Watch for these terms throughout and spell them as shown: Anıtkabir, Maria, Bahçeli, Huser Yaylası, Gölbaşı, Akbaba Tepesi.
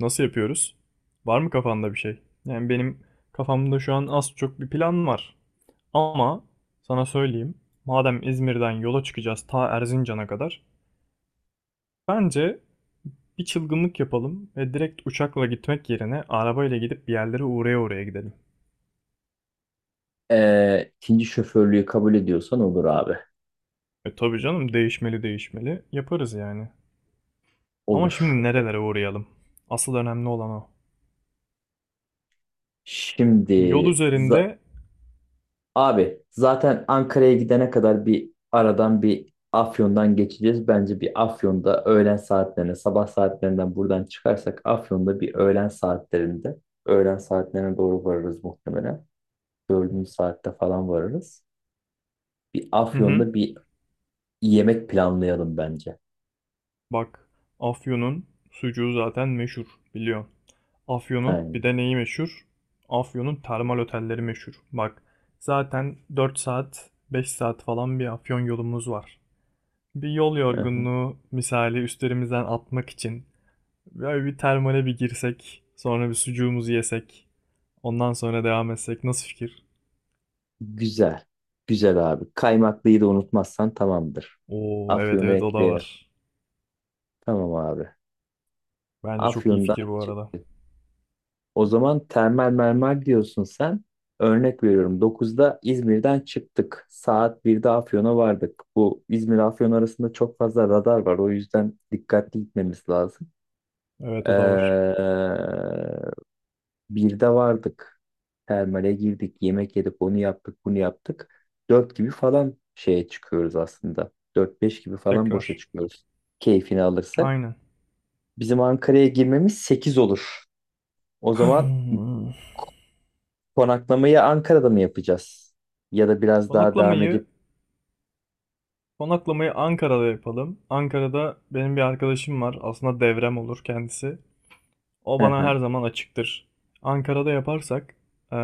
Nasıl yapıyoruz? Var mı kafanda bir şey? Yani benim kafamda şu an az çok bir plan var. Ama sana söyleyeyim, madem İzmir'den yola çıkacağız ta Erzincan'a kadar, bence bir çılgınlık yapalım ve direkt uçakla gitmek yerine arabayla gidip bir yerlere uğraya uğraya gidelim. İkinci şoförlüğü kabul ediyorsan olur abi. E tabii canım değişmeli değişmeli yaparız yani. Ama Olur. şimdi nerelere uğrayalım? Asıl önemli olan o. Şimdi Yol za- üzerinde. abi zaten Ankara'ya gidene kadar bir aradan bir Afyon'dan geçeceğiz. Bence bir Afyon'da öğlen saatlerine, sabah saatlerinden buradan çıkarsak Afyon'da bir öğlen saatlerinde, öğlen saatlerine doğru varırız muhtemelen. Dördüncü saatte falan varırız. Bir Hı hı. Afyon'da bir yemek planlayalım bence. Bak, Afyon'un sucuğu zaten meşhur, biliyorsun. Afyon'un bir Aynen. de neyi meşhur? Afyon'un termal otelleri meşhur. Bak, zaten 4 saat, 5 saat falan bir Afyon yolumuz var. Bir yol yorgunluğu misali üstlerimizden atmak için böyle bir termale bir girsek, sonra bir sucuğumuzu yesek, ondan sonra devam etsek nasıl fikir? Güzel. Güzel abi. Kaymaklıyı da unutmazsan tamamdır. Oo, evet Afyon'u evet o da ekleyelim. var. Tamam abi. Bence çok iyi Afyon'dan fikir bu arada. çıktı. O zaman termal mermer diyorsun sen. Örnek veriyorum. 9'da İzmir'den çıktık. Saat 1'de Afyon'a vardık. Bu İzmir Afyon arasında çok fazla radar var. O yüzden dikkatli gitmemiz lazım. Evet Ee, o da var. Birde vardık. Termale girdik. Yemek yedik. Onu yaptık. Bunu yaptık. Dört gibi falan şeye çıkıyoruz aslında. Dört beş gibi falan boşa Tekrar. çıkıyoruz. Keyfini alırsak. Aynen. Bizim Ankara'ya girmemiz 8 olur. O zaman konaklamayı Ankara'da mı yapacağız? Ya da biraz daha devam Konaklamayı edip... Konaklamayı Ankara'da yapalım. Ankara'da benim bir arkadaşım var. Aslında devrem olur kendisi. O Hı bana hı. her zaman açıktır. Ankara'da yaparsak eee,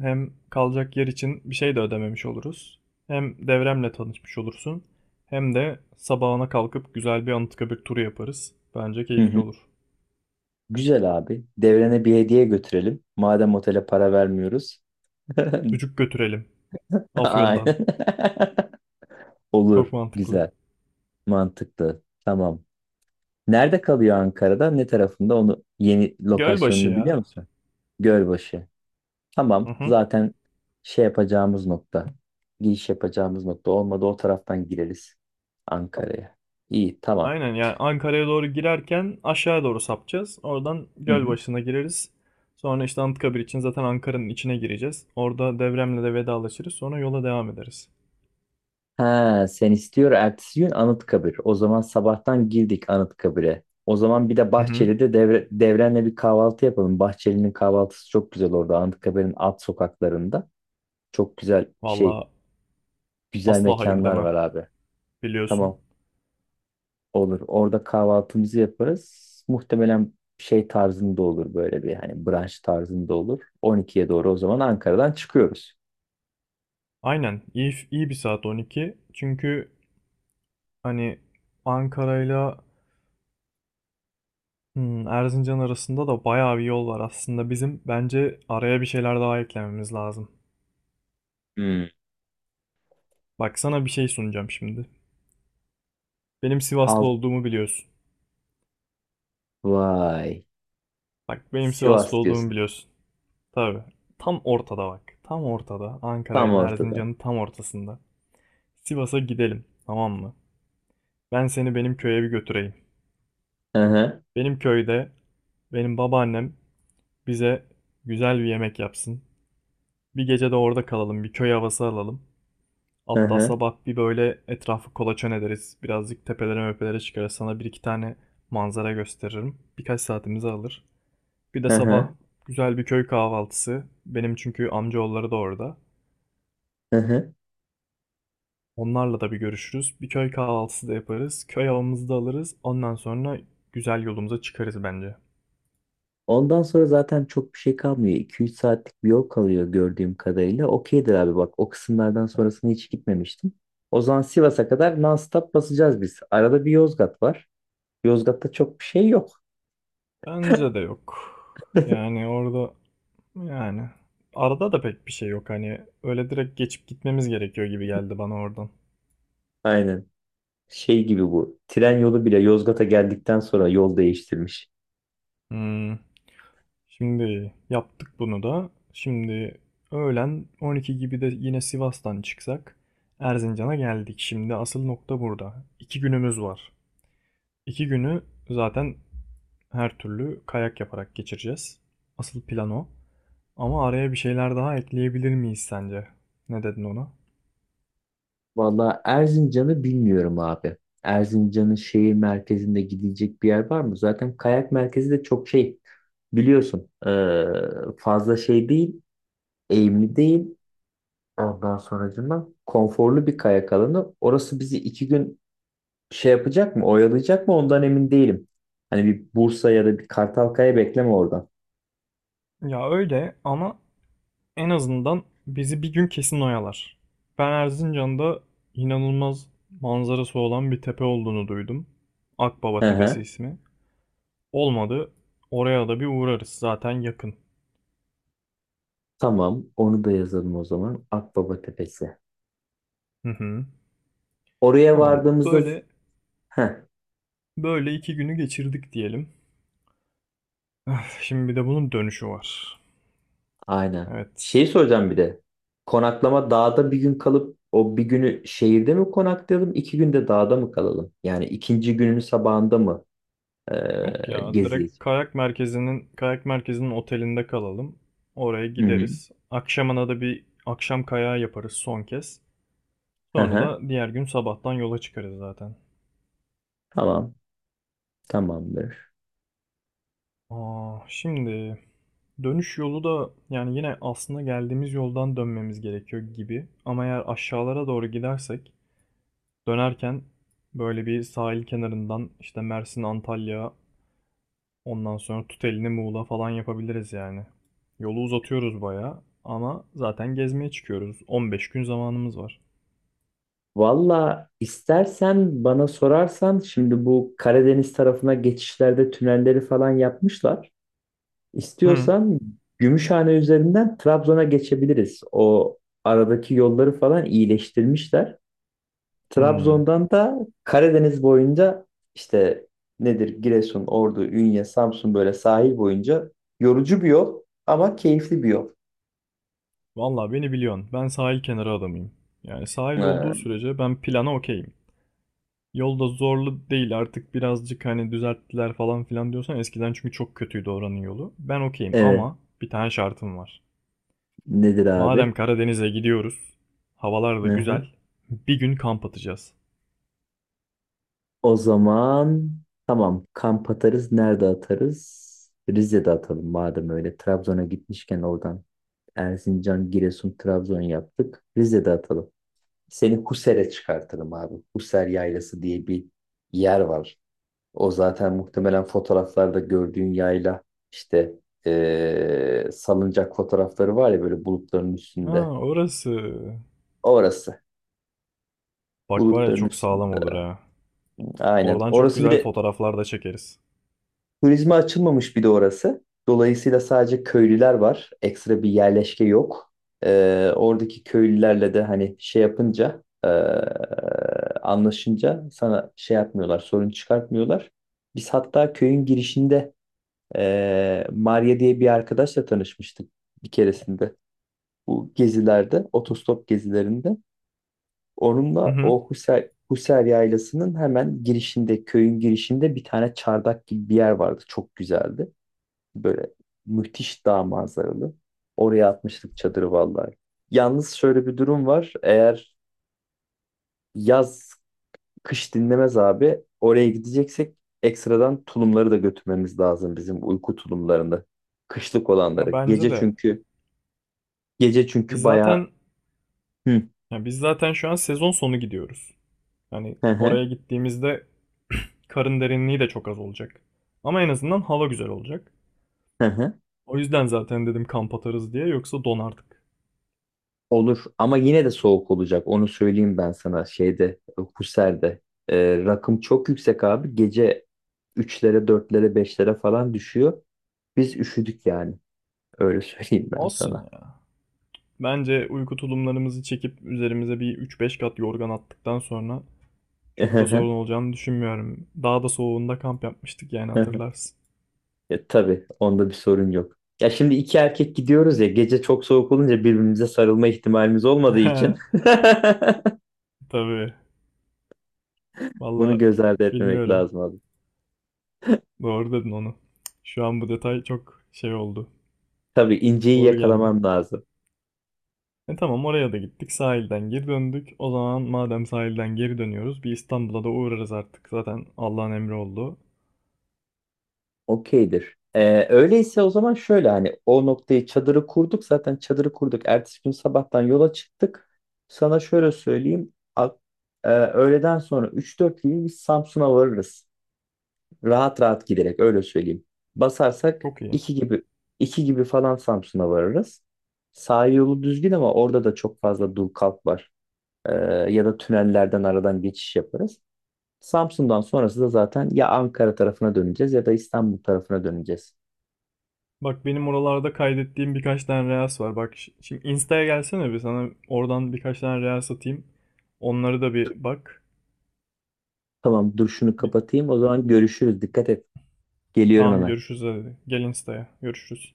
hem kalacak yer için bir şey de ödememiş oluruz. Hem devremle tanışmış olursun. Hem de sabahına kalkıp güzel bir Anıtkabir turu yaparız. Bence Hı keyifli hı. olur. Güzel abi. Devrene bir hediye götürelim. Madem otele para vermiyoruz. Çocuk götürelim. Afyon'dan. Aynen. Çok Olur. mantıklı. Güzel. Mantıklı. Tamam. Nerede kalıyor Ankara'da? Ne tarafında? Onu yeni Gölbaşı lokasyonunu biliyor ya. musun? Gölbaşı. Hı Tamam. hı. Zaten şey yapacağımız nokta. Giriş yapacağımız nokta. Olmadı o taraftan gireriz Ankara'ya. İyi tamam. Aynen yani Ankara'ya doğru girerken aşağıya doğru sapacağız. Oradan Hı hı. Gölbaşı'na gireriz. Sonra işte Anıtkabir için zaten Ankara'nın içine gireceğiz. Orada Devrem'le de vedalaşırız. Sonra yola devam ederiz. Ha, sen istiyor ertesi gün Anıtkabir. O zaman sabahtan girdik Anıtkabir'e. O zaman bir de Hı hı. Bahçeli'de devre, Devren'le bir kahvaltı yapalım. Bahçeli'nin kahvaltısı çok güzel orada. Anıtkabir'in alt sokaklarında. Çok güzel şey, Valla güzel asla hayır mekanlar demem. var abi. Biliyorsun. Tamam. Olur. Orada kahvaltımızı yaparız. Muhtemelen şey tarzında olur böyle bir hani brunch tarzında olur. 12'ye doğru o zaman Ankara'dan çıkıyoruz. Aynen. İyi iyi bir saat 12. Çünkü hani Ankara'yla Erzincan arasında da bayağı bir yol var aslında. Bizim bence araya bir şeyler daha eklememiz lazım. Hmm. Bak sana bir şey sunacağım şimdi. Benim Sivaslı Alt olduğumu biliyorsun. vay. Bak benim Sivas'ta Sivas olduğumu diyorsun. biliyorsun. Tabii. Tam ortada bak. Tam ortada. Ankara Tam ile ortada. Erzincan'ın tam ortasında. Sivas'a gidelim. Tamam mı? Ben seni benim köye bir götüreyim. Hı hı. Benim köyde benim babaannem bize güzel bir yemek yapsın. Bir gece de orada kalalım. Bir köy havası alalım. Hı Hatta hı. sabah bir böyle etrafı kolaçan ederiz. Birazcık tepelere möpelere çıkarız. Sana bir iki tane manzara gösteririm. Birkaç saatimizi alır. Bir de Hı sabah hı. güzel bir köy kahvaltısı. Benim çünkü amcaoğulları da orada. Hı hı. Onlarla da bir görüşürüz. Bir köy kahvaltısı da yaparız. Köy havamızı da alırız. Ondan sonra güzel yolumuza çıkarız bence. Ondan sonra zaten çok bir şey kalmıyor. 2-3 saatlik bir yol kalıyor gördüğüm kadarıyla. Okeydir abi bak o kısımlardan sonrasını hiç gitmemiştim. O zaman Sivas'a kadar non-stop basacağız biz. Arada bir Yozgat var. Yozgat'ta çok bir şey yok. Bence de yok. Yani orada yani arada da pek bir şey yok. Hani öyle direkt geçip gitmemiz gerekiyor gibi geldi bana oradan. Aynen. Şey gibi bu. Tren yolu bile Yozgat'a geldikten sonra yol değiştirmiş. Hmm. Şimdi yaptık bunu da. Şimdi öğlen 12 gibi de yine Sivas'tan çıksak Erzincan'a geldik. Şimdi asıl nokta burada. 2 günümüz var. 2 günü zaten her türlü kayak yaparak geçireceğiz. Asıl plan o. Ama araya bir şeyler daha ekleyebilir miyiz sence? Ne dedin ona? Vallahi Erzincan'ı bilmiyorum abi. Erzincan'ın şehir merkezinde gidecek bir yer var mı? Zaten kayak merkezi de çok şey biliyorsun, fazla şey değil, eğimli değil. Ondan sonracığıma konforlu bir kayak alanı. Orası bizi 2 gün şey yapacak mı, oyalayacak mı ondan emin değilim. Hani bir Bursa ya da bir Kartalkaya bekleme oradan. Ya öyle ama en azından bizi bir gün kesin oyalar. Ben Erzincan'da inanılmaz manzarası olan bir tepe olduğunu duydum. Akbaba Hı Tepesi hı. ismi. Olmadı. Oraya da bir uğrarız. Zaten yakın. Tamam, onu da yazalım o zaman. Akbaba Tepesi. Hı hı. Oraya Tamam. vardığımızda Böyle heh, böyle 2 günü geçirdik diyelim. Şimdi bir de bunun dönüşü var. aynen. Evet. Şeyi soracağım bir de. Konaklama dağda bir gün kalıp o bir günü şehirde mi konaklayalım, 2 günde dağda mı kalalım? Yani ikinci günün sabahında mı Yok ya direkt gezeceğiz? kayak merkezinin otelinde kalalım. Oraya Hı hı. gideriz. Akşamına da bir akşam kayağı yaparız son kez. Hı Sonra hı. da diğer gün sabahtan yola çıkarız zaten. Tamam. Tamamdır. Aa, şimdi dönüş yolu da yani yine aslında geldiğimiz yoldan dönmemiz gerekiyor gibi. Ama eğer aşağılara doğru gidersek dönerken böyle bir sahil kenarından işte Mersin, Antalya. Ondan sonra tut elini Muğla falan yapabiliriz yani. Yolu uzatıyoruz bayağı ama zaten gezmeye çıkıyoruz. 15 gün zamanımız var. Valla istersen bana sorarsan şimdi bu Karadeniz tarafına geçişlerde tünelleri falan yapmışlar. Hı. İstiyorsan Gümüşhane üzerinden Trabzon'a geçebiliriz. O aradaki yolları falan iyileştirmişler. Hı. Trabzon'dan da Karadeniz boyunca işte nedir Giresun, Ordu, Ünye, Samsun böyle sahil boyunca yorucu bir yol ama keyifli bir yol. Vallahi beni biliyorsun. Ben sahil kenarı adamıyım. Yani sahil Ha, olduğu sürece ben plana okeyim. Yolda zorlu değil artık birazcık hani düzelttiler falan filan diyorsan eskiden çünkü çok kötüydü oranın yolu. Ben okeyim evet. ama bir tane şartım var. Nedir Madem abi? Karadeniz'e gidiyoruz, havalar da Hı güzel, hı. bir gün kamp atacağız. O zaman tamam kamp atarız. Nerede atarız? Rize'de atalım madem öyle. Trabzon'a gitmişken oradan Erzincan, Giresun, Trabzon yaptık. Rize'de atalım. Seni Huser'e çıkartırım abi. Huser Yaylası diye bir yer var. O zaten muhtemelen fotoğraflarda gördüğün yayla işte, salıncak fotoğrafları var ya böyle bulutların Ha üstünde. orası. Orası. Bak var ya Bulutların çok sağlam olur üstünde. ha. Aynen. Oradan çok Orası bir güzel de fotoğraflar da çekeriz. turizme açılmamış bir de orası. Dolayısıyla sadece köylüler var. Ekstra bir yerleşke yok. Oradaki köylülerle de hani şey yapınca, anlaşınca sana şey yapmıyorlar, sorun çıkartmıyorlar. Biz hatta köyün girişinde Maria diye bir arkadaşla tanışmıştık bir keresinde. Bu gezilerde, otostop gezilerinde. Hı Onunla hı. o Husser, Husser Yaylası'nın hemen girişinde, köyün girişinde bir tane çardak gibi bir yer vardı. Çok güzeldi. Böyle müthiş dağ manzaralı. Oraya atmıştık çadırı vallahi. Yalnız şöyle bir durum var. Eğer yaz kış dinlemez abi. Oraya gideceksek ekstradan tulumları da götürmemiz lazım bizim uyku tulumlarını. Kışlık Ya olanları. bence Gece de. çünkü gece Biz çünkü bayağı zaten hı biz zaten şu an sezon sonu gidiyoruz. Yani hı, oraya hı gittiğimizde karın derinliği de çok az olacak. Ama en azından hava güzel olacak. hı. Hı. O yüzden zaten dedim kamp atarız diye yoksa donardık. Olur ama yine de soğuk olacak. Onu söyleyeyim ben sana şeyde, Husser'de. Rakım çok yüksek abi. Gece üçlere dörtlere beşlere falan düşüyor. Biz üşüdük yani. Öyle söyleyeyim ben Olsun sana. ya. Bence uyku tulumlarımızı çekip üzerimize bir üç beş kat yorgan attıktan sonra çok da sorun olacağını düşünmüyorum. Daha da soğuğunda kamp yapmıştık yani hatırlarsın. Ya, tabii onda bir sorun yok. Ya şimdi iki erkek gidiyoruz ya gece çok soğuk olunca birbirimize sarılma ihtimalimiz olmadığı için Tabii. bunu Valla göz ardı etmemek bilmiyorum. lazım abi. Doğru dedin onu. Şu an bu detay çok şey oldu. Tabii inceyi Doğru geldi. yakalaman lazım. E tamam oraya da gittik. Sahilden geri döndük. O zaman madem sahilden geri dönüyoruz bir İstanbul'a da uğrarız artık. Zaten Allah'ın emri oldu. Okeydir. Öyleyse o zaman şöyle hani o noktayı çadırı kurduk zaten çadırı kurduk. Ertesi gün sabahtan yola çıktık. Sana şöyle söyleyeyim. Öğleden sonra 3-4 gibi biz Samsun'a varırız. Rahat rahat giderek öyle söyleyeyim. Basarsak Çok iyi. 2 gibi, 2 gibi falan Samsun'a varırız. Sahil yolu düzgün ama orada da çok fazla dur kalk var. Ee, Ya da tünellerden aradan geçiş yaparız. Samsun'dan sonrası da zaten ya Ankara tarafına döneceğiz ya da İstanbul tarafına döneceğiz. Bak benim oralarda kaydettiğim birkaç tane reels var. Bak şimdi Insta'ya gelsene bir sana oradan birkaç tane reels atayım. Onları da bir bak. Tamam dur şunu Bir, kapatayım o zaman görüşürüz. Dikkat et. Geliyorum tamam hemen. görüşürüz hadi. Gel Insta'ya. Görüşürüz.